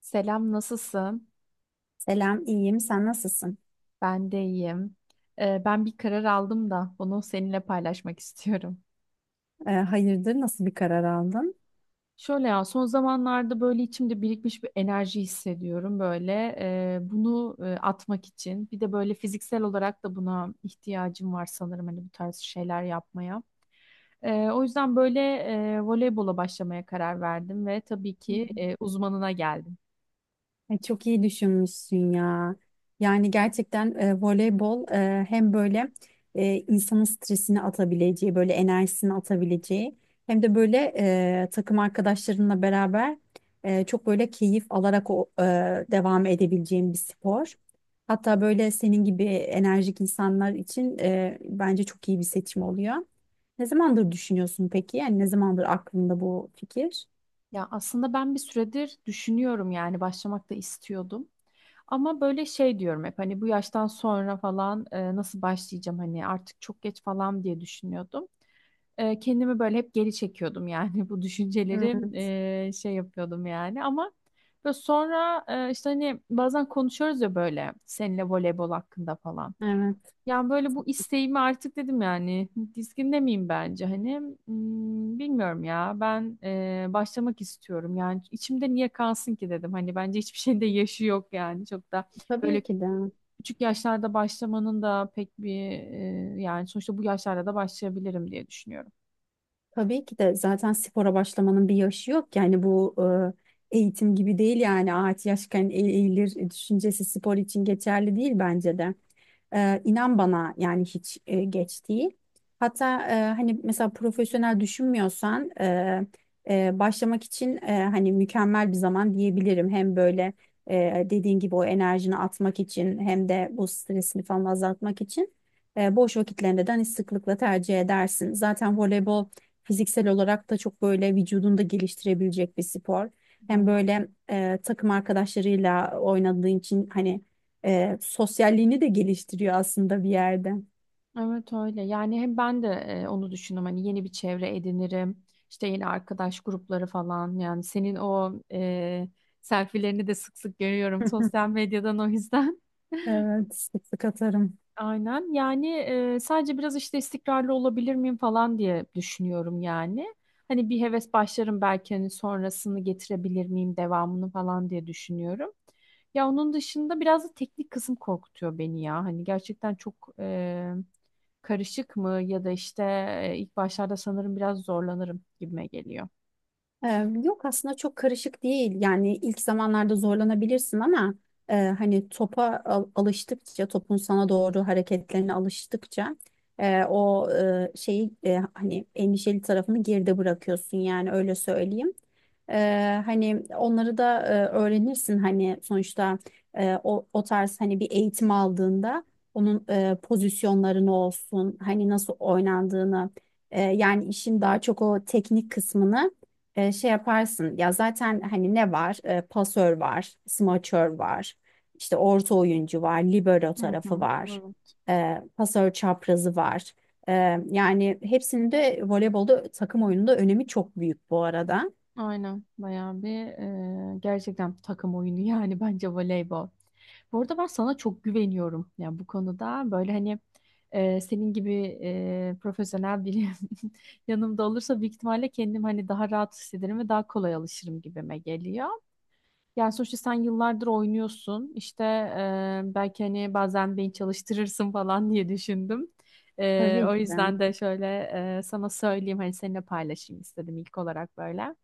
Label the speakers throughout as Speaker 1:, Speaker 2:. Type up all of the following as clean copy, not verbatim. Speaker 1: Selam, nasılsın?
Speaker 2: Selam, iyiyim. Sen nasılsın?
Speaker 1: Ben de iyiyim. Ben bir karar aldım da bunu seninle paylaşmak istiyorum.
Speaker 2: Hayırdır, nasıl bir karar aldın?
Speaker 1: Şöyle ya, son zamanlarda böyle içimde birikmiş bir enerji hissediyorum böyle. Bunu atmak için. Bir de böyle fiziksel olarak da buna ihtiyacım var sanırım hani bu tarz şeyler yapmaya. O yüzden böyle voleybola başlamaya karar verdim ve tabii ki uzmanına geldim.
Speaker 2: Ay, çok iyi düşünmüşsün ya. Yani gerçekten voleybol hem böyle insanın stresini atabileceği, böyle enerjisini atabileceği hem de böyle takım arkadaşlarınla beraber çok böyle keyif alarak devam edebileceğin bir spor. Hatta böyle senin gibi enerjik insanlar için bence çok iyi bir seçim oluyor. Ne zamandır düşünüyorsun peki? Yani ne zamandır aklında bu fikir?
Speaker 1: Ya aslında ben bir süredir düşünüyorum yani başlamak da istiyordum. Ama böyle şey diyorum hep hani bu yaştan sonra falan nasıl başlayacağım hani artık çok geç falan diye düşünüyordum. Kendimi böyle hep geri çekiyordum yani bu düşünceleri
Speaker 2: Hmm,
Speaker 1: şey yapıyordum yani ama böyle sonra işte hani bazen konuşuyoruz ya böyle seninle voleybol hakkında falan.
Speaker 2: evet.
Speaker 1: Yani böyle bu isteğimi artık dedim yani dizginde miyim bence hani bilmiyorum ya ben başlamak istiyorum yani içimde niye kalsın ki dedim hani bence hiçbir şeyin de yaşı yok yani çok da böyle
Speaker 2: Tabii ki de.
Speaker 1: küçük yaşlarda başlamanın da pek bir yani sonuçta bu yaşlarda da başlayabilirim diye düşünüyorum.
Speaker 2: Tabii ki de zaten spora başlamanın bir yaşı yok. Yani bu eğitim gibi değil, yani ağaç yaşken eğilir düşüncesi spor için geçerli değil bence de. İnan bana, yani hiç geç değil. Hatta hani mesela profesyonel düşünmüyorsan başlamak için hani mükemmel bir zaman diyebilirim. Hem böyle dediğin gibi o enerjini atmak için, hem de bu stresini falan azaltmak için boş vakitlerinde de hani sıklıkla tercih edersin. Zaten voleybol fiziksel olarak da çok böyle vücudunu da geliştirebilecek bir spor. Hem
Speaker 1: Aynen.
Speaker 2: böyle takım arkadaşlarıyla oynadığın için hani sosyalliğini de geliştiriyor aslında bir yerde.
Speaker 1: Evet öyle. Yani hem ben de onu düşündüm. Hani yeni bir çevre edinirim. İşte yeni arkadaş grupları falan. Yani senin o selfielerini de sık sık görüyorum sosyal medyadan o yüzden.
Speaker 2: Evet, sık sık atarım.
Speaker 1: Aynen. Yani sadece biraz işte istikrarlı olabilir miyim falan diye düşünüyorum yani. Hani bir heves başlarım belki hani sonrasını getirebilir miyim devamını falan diye düşünüyorum. Ya onun dışında biraz da teknik kısım korkutuyor beni ya. Hani gerçekten çok karışık mı ya da işte ilk başlarda sanırım biraz zorlanırım gibime geliyor.
Speaker 2: Yok, aslında çok karışık değil. Yani ilk zamanlarda zorlanabilirsin ama hani topa alıştıkça, topun sana doğru hareketlerine alıştıkça şeyi, hani endişeli tarafını geride bırakıyorsun, yani öyle söyleyeyim. Hani onları da öğrenirsin hani sonuçta o tarz hani bir eğitim aldığında onun pozisyonlarını olsun, hani nasıl oynandığını, yani işin daha çok o teknik kısmını şey yaparsın ya zaten. Hani ne var, pasör var, smaçör var, işte orta oyuncu var, libero
Speaker 1: Hı
Speaker 2: tarafı
Speaker 1: hı,
Speaker 2: var,
Speaker 1: evet.
Speaker 2: pasör çaprazı var. E, Yani hepsinin de voleybolda, takım oyununda önemi çok büyük bu arada.
Speaker 1: Aynen bayağı bir gerçekten takım oyunu yani bence voleybol. Bu arada ben sana çok güveniyorum. Yani bu konuda böyle hani senin gibi profesyonel biri yanımda olursa büyük ihtimalle kendim hani daha rahat hissederim ve daha kolay alışırım gibime geliyor. Yani sonuçta sen yıllardır oynuyorsun. İşte belki hani bazen beni çalıştırırsın falan diye düşündüm.
Speaker 2: Tabii
Speaker 1: O
Speaker 2: ki de.
Speaker 1: yüzden de şöyle sana söyleyeyim hani seninle paylaşayım istedim ilk olarak böyle.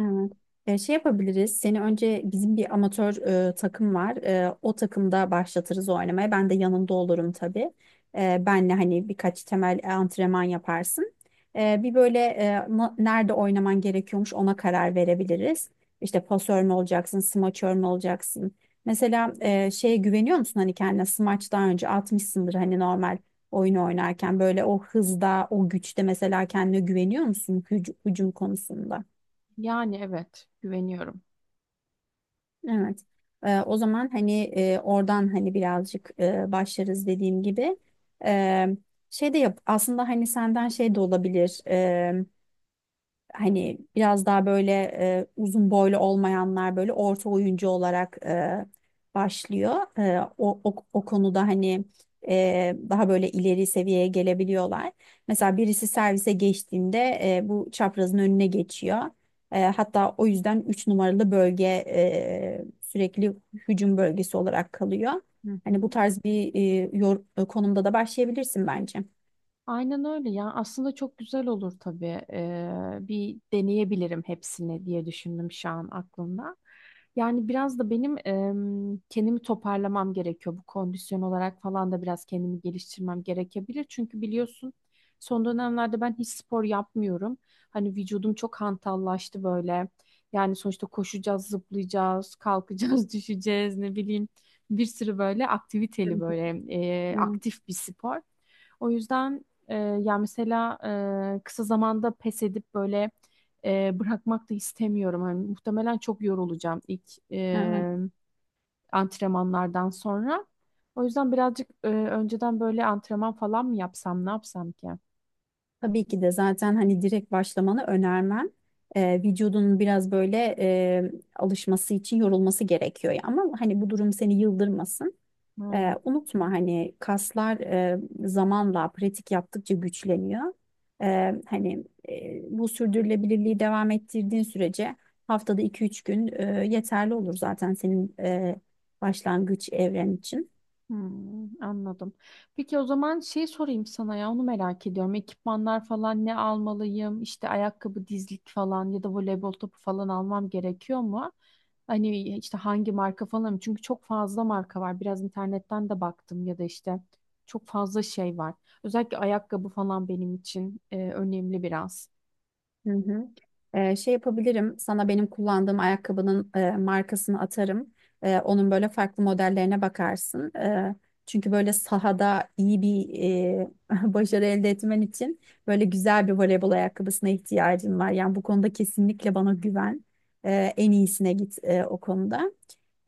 Speaker 2: Evet. Şey yapabiliriz. Seni önce bizim bir amatör takım var. O takımda başlatırız oynamaya. Ben de yanında olurum tabii. Benle hani birkaç temel antrenman yaparsın. Bir böyle nerede oynaman gerekiyormuş ona karar verebiliriz. İşte pasör mü olacaksın, smaçör mü olacaksın? Mesela şeye güveniyor musun, hani kendine smaç daha önce atmışsındır hani normal oyun oynarken, böyle o hızda, o güçte, mesela kendine güveniyor musun hücum konusunda?
Speaker 1: Yani evet güveniyorum.
Speaker 2: Evet. O zaman hani oradan hani birazcık başlarız dediğim gibi. Ee, Şey de yap aslında, hani senden şey de olabilir, hani biraz daha böyle uzun boylu olmayanlar böyle orta oyuncu olarak başlıyor. O konuda hani daha böyle ileri seviyeye gelebiliyorlar. Mesela birisi servise geçtiğinde bu çaprazın önüne geçiyor. Hatta o yüzden 3 numaralı bölge sürekli hücum bölgesi olarak kalıyor.
Speaker 1: Hı
Speaker 2: Hani
Speaker 1: hı.
Speaker 2: bu tarz bir konumda da başlayabilirsin bence.
Speaker 1: Aynen öyle ya. Aslında çok güzel olur tabii. Bir deneyebilirim hepsini diye düşündüm şu an aklımda. Yani biraz da benim kendimi toparlamam gerekiyor. Bu kondisyon olarak falan da biraz kendimi geliştirmem gerekebilir. Çünkü biliyorsun son dönemlerde ben hiç spor yapmıyorum. Hani vücudum çok hantallaştı böyle. Yani sonuçta koşacağız, zıplayacağız, kalkacağız, düşeceğiz ne bileyim. Bir sürü böyle
Speaker 2: Hı
Speaker 1: aktiviteli
Speaker 2: hı.
Speaker 1: böyle
Speaker 2: Evet,
Speaker 1: aktif bir spor. O yüzden ee, ya mesela kısa zamanda pes edip böyle bırakmak da istemiyorum. Hani muhtemelen çok yorulacağım ilk
Speaker 2: evet.
Speaker 1: antrenmanlardan sonra. O yüzden birazcık önceden böyle antrenman falan mı yapsam, ne yapsam ki?
Speaker 2: Tabii ki de, zaten hani direkt başlamanı önermem. Vücudunun biraz böyle alışması için yorulması gerekiyor ya. Ama hani bu durum seni yıldırmasın.
Speaker 1: Aynen.
Speaker 2: Unutma, hani kaslar zamanla pratik yaptıkça güçleniyor. Hani bu sürdürülebilirliği devam ettirdiğin sürece haftada iki üç gün yeterli olur zaten senin başlangıç evren için.
Speaker 1: Anladım. Peki o zaman şey sorayım sana ya onu merak ediyorum. Ekipmanlar falan ne almalıyım? İşte ayakkabı, dizlik falan ya da voleybol topu falan almam gerekiyor mu? Hani işte hangi marka falan? Çünkü çok fazla marka var. Biraz internetten de baktım ya da işte çok fazla şey var. Özellikle ayakkabı falan benim için önemli biraz.
Speaker 2: Hı hı. Şey yapabilirim. Sana benim kullandığım ayakkabının markasını atarım. Onun böyle farklı modellerine bakarsın. Çünkü böyle sahada iyi bir başarı elde etmen için böyle güzel bir voleybol ayakkabısına ihtiyacın var. Yani bu konuda kesinlikle bana güven. En iyisine git o konuda.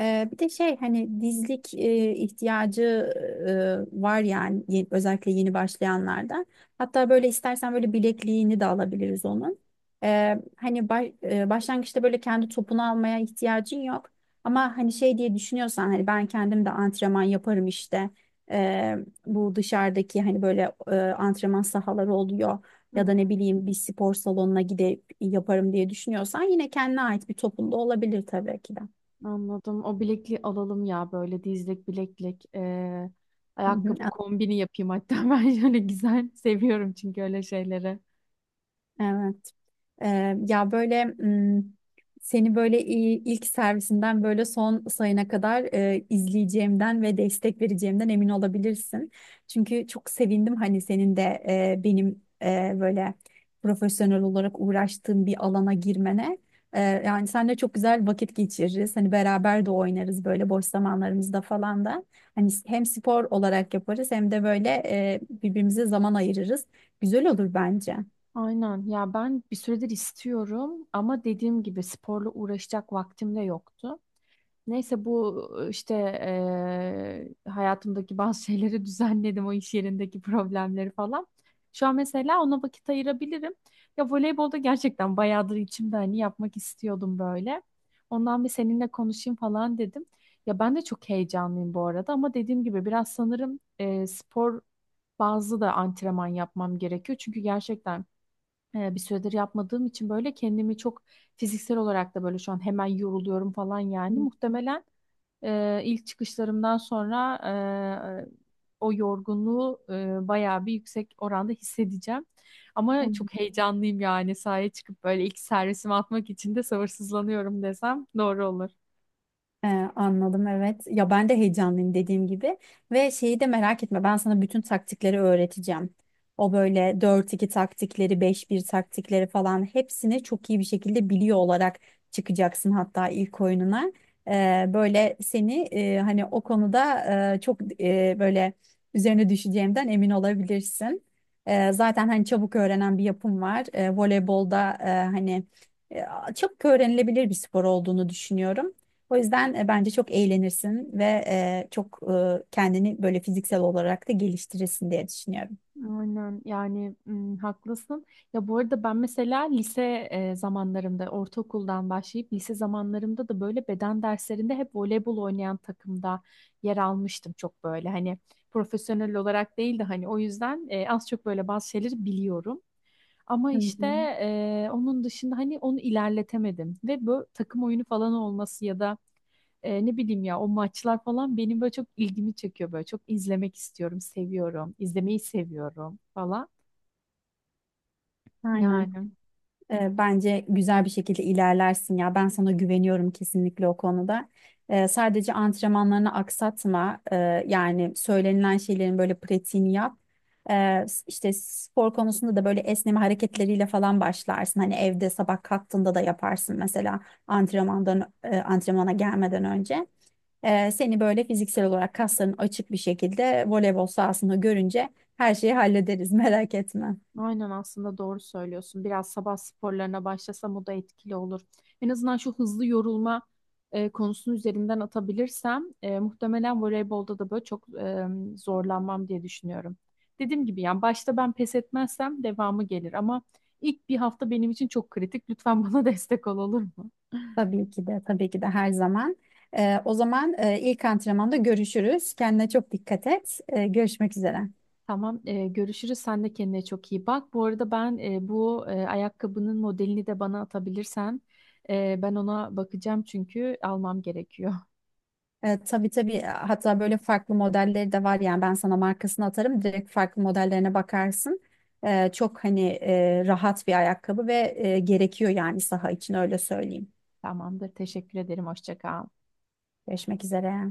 Speaker 2: Bir de şey, hani dizlik ihtiyacı var yani, özellikle yeni başlayanlarda. Hatta böyle istersen böyle bilekliğini de alabiliriz onun. Hani başlangıçta böyle kendi topunu almaya ihtiyacın yok. Ama hani şey diye düşünüyorsan, hani ben kendim de antrenman yaparım işte. Ee, Bu dışarıdaki hani böyle antrenman sahaları oluyor. Ya da ne bileyim, bir spor salonuna gidip yaparım diye düşünüyorsan, yine kendine ait bir topun da olabilir tabii ki de.
Speaker 1: Anladım. O bilekliği alalım ya böyle dizlik bileklik.
Speaker 2: Hı hı,
Speaker 1: Ayakkabı kombini yapayım hatta ben şöyle güzel seviyorum çünkü öyle şeyleri.
Speaker 2: evet. Ee, ya böyle m, seni böyle ilk servisinden böyle son sayına kadar izleyeceğimden ve destek vereceğimden emin olabilirsin. Çünkü çok sevindim hani senin de benim böyle profesyonel olarak uğraştığım bir alana girmene. Yani seninle çok güzel vakit geçiririz. Hani beraber de oynarız böyle boş zamanlarımızda falan da. Hani hem spor olarak yaparız, hem de böyle birbirimize zaman ayırırız. Güzel olur bence.
Speaker 1: Aynen ya ben bir süredir istiyorum ama dediğim gibi sporla uğraşacak vaktim de yoktu. Neyse bu işte hayatımdaki bazı şeyleri düzenledim o iş yerindeki problemleri falan. Şu an mesela ona vakit ayırabilirim. Ya voleybolda gerçekten bayağıdır içimde hani yapmak istiyordum böyle. Ondan bir seninle konuşayım falan dedim. Ya ben de çok heyecanlıyım bu arada ama dediğim gibi biraz sanırım spor bazı da antrenman yapmam gerekiyor. Çünkü gerçekten bir süredir yapmadığım için böyle kendimi çok fiziksel olarak da böyle şu an hemen yoruluyorum falan yani.
Speaker 2: Hı.
Speaker 1: Muhtemelen ilk çıkışlarımdan sonra e, o yorgunluğu bayağı bir yüksek oranda hissedeceğim. Ama
Speaker 2: Hı.
Speaker 1: çok heyecanlıyım yani sahaya çıkıp böyle ilk servisimi atmak için de sabırsızlanıyorum desem doğru olur.
Speaker 2: Ee, Anladım, evet. Ya ben de heyecanlıyım dediğim gibi. Ve şeyi de merak etme, ben sana bütün taktikleri öğreteceğim. O böyle dört iki taktikleri, beş bir taktikleri falan hepsini çok iyi bir şekilde biliyor olarak çıkacaksın hatta ilk oyununa. Böyle seni hani o konuda çok böyle üzerine düşeceğimden emin olabilirsin. Zaten hani çabuk öğrenen bir yapım var. Voleybolda hani e, çabuk öğrenilebilir bir spor olduğunu düşünüyorum. O yüzden bence çok eğlenirsin ve çok kendini böyle fiziksel olarak da geliştirirsin diye düşünüyorum.
Speaker 1: Aynen yani haklısın. Ya bu arada ben mesela lise zamanlarımda ortaokuldan başlayıp lise zamanlarımda da böyle beden derslerinde hep voleybol oynayan takımda yer almıştım çok böyle hani profesyonel olarak değil de hani o yüzden az çok böyle bazı şeyleri biliyorum. Ama
Speaker 2: Hı
Speaker 1: işte
Speaker 2: hı.
Speaker 1: onun dışında hani onu ilerletemedim ve bu takım oyunu falan olması ya da ne bileyim ya o maçlar falan benim böyle çok ilgimi çekiyor böyle çok izlemek istiyorum seviyorum izlemeyi seviyorum falan
Speaker 2: Aynen.
Speaker 1: yani
Speaker 2: Bence güzel bir şekilde ilerlersin ya. Ben sana güveniyorum kesinlikle o konuda. Sadece antrenmanlarını aksatma. Yani söylenilen şeylerin böyle pratiğini yap. İşte spor konusunda da böyle esneme hareketleriyle falan başlarsın. Hani evde sabah kalktığında da yaparsın mesela antrenmandan antrenmana gelmeden önce. Seni böyle fiziksel olarak, kasların açık bir şekilde voleybol sahasında görünce her şeyi hallederiz merak etme.
Speaker 1: aynen aslında doğru söylüyorsun biraz sabah sporlarına başlasam o da etkili olur en azından şu hızlı yorulma konusunu üzerinden atabilirsem muhtemelen voleybolda da böyle çok zorlanmam diye düşünüyorum dediğim gibi yani başta ben pes etmezsem devamı gelir ama ilk bir hafta benim için çok kritik lütfen bana destek ol olur mu?
Speaker 2: Tabii ki de, tabii ki de, her zaman. O zaman ilk antrenmanda görüşürüz. Kendine çok dikkat et. Görüşmek üzere.
Speaker 1: Tamam, görüşürüz. Sen de kendine çok iyi bak. Bu arada ben bu ayakkabının modelini de bana atabilirsen ben ona bakacağım çünkü almam gerekiyor.
Speaker 2: Tabii, tabii, hatta böyle farklı modelleri de var, yani ben sana markasını atarım, direkt farklı modellerine bakarsın. Çok hani rahat bir ayakkabı gerekiyor yani saha için, öyle söyleyeyim.
Speaker 1: Tamamdır. Teşekkür ederim. Hoşça kal.
Speaker 2: Görüşmek üzere.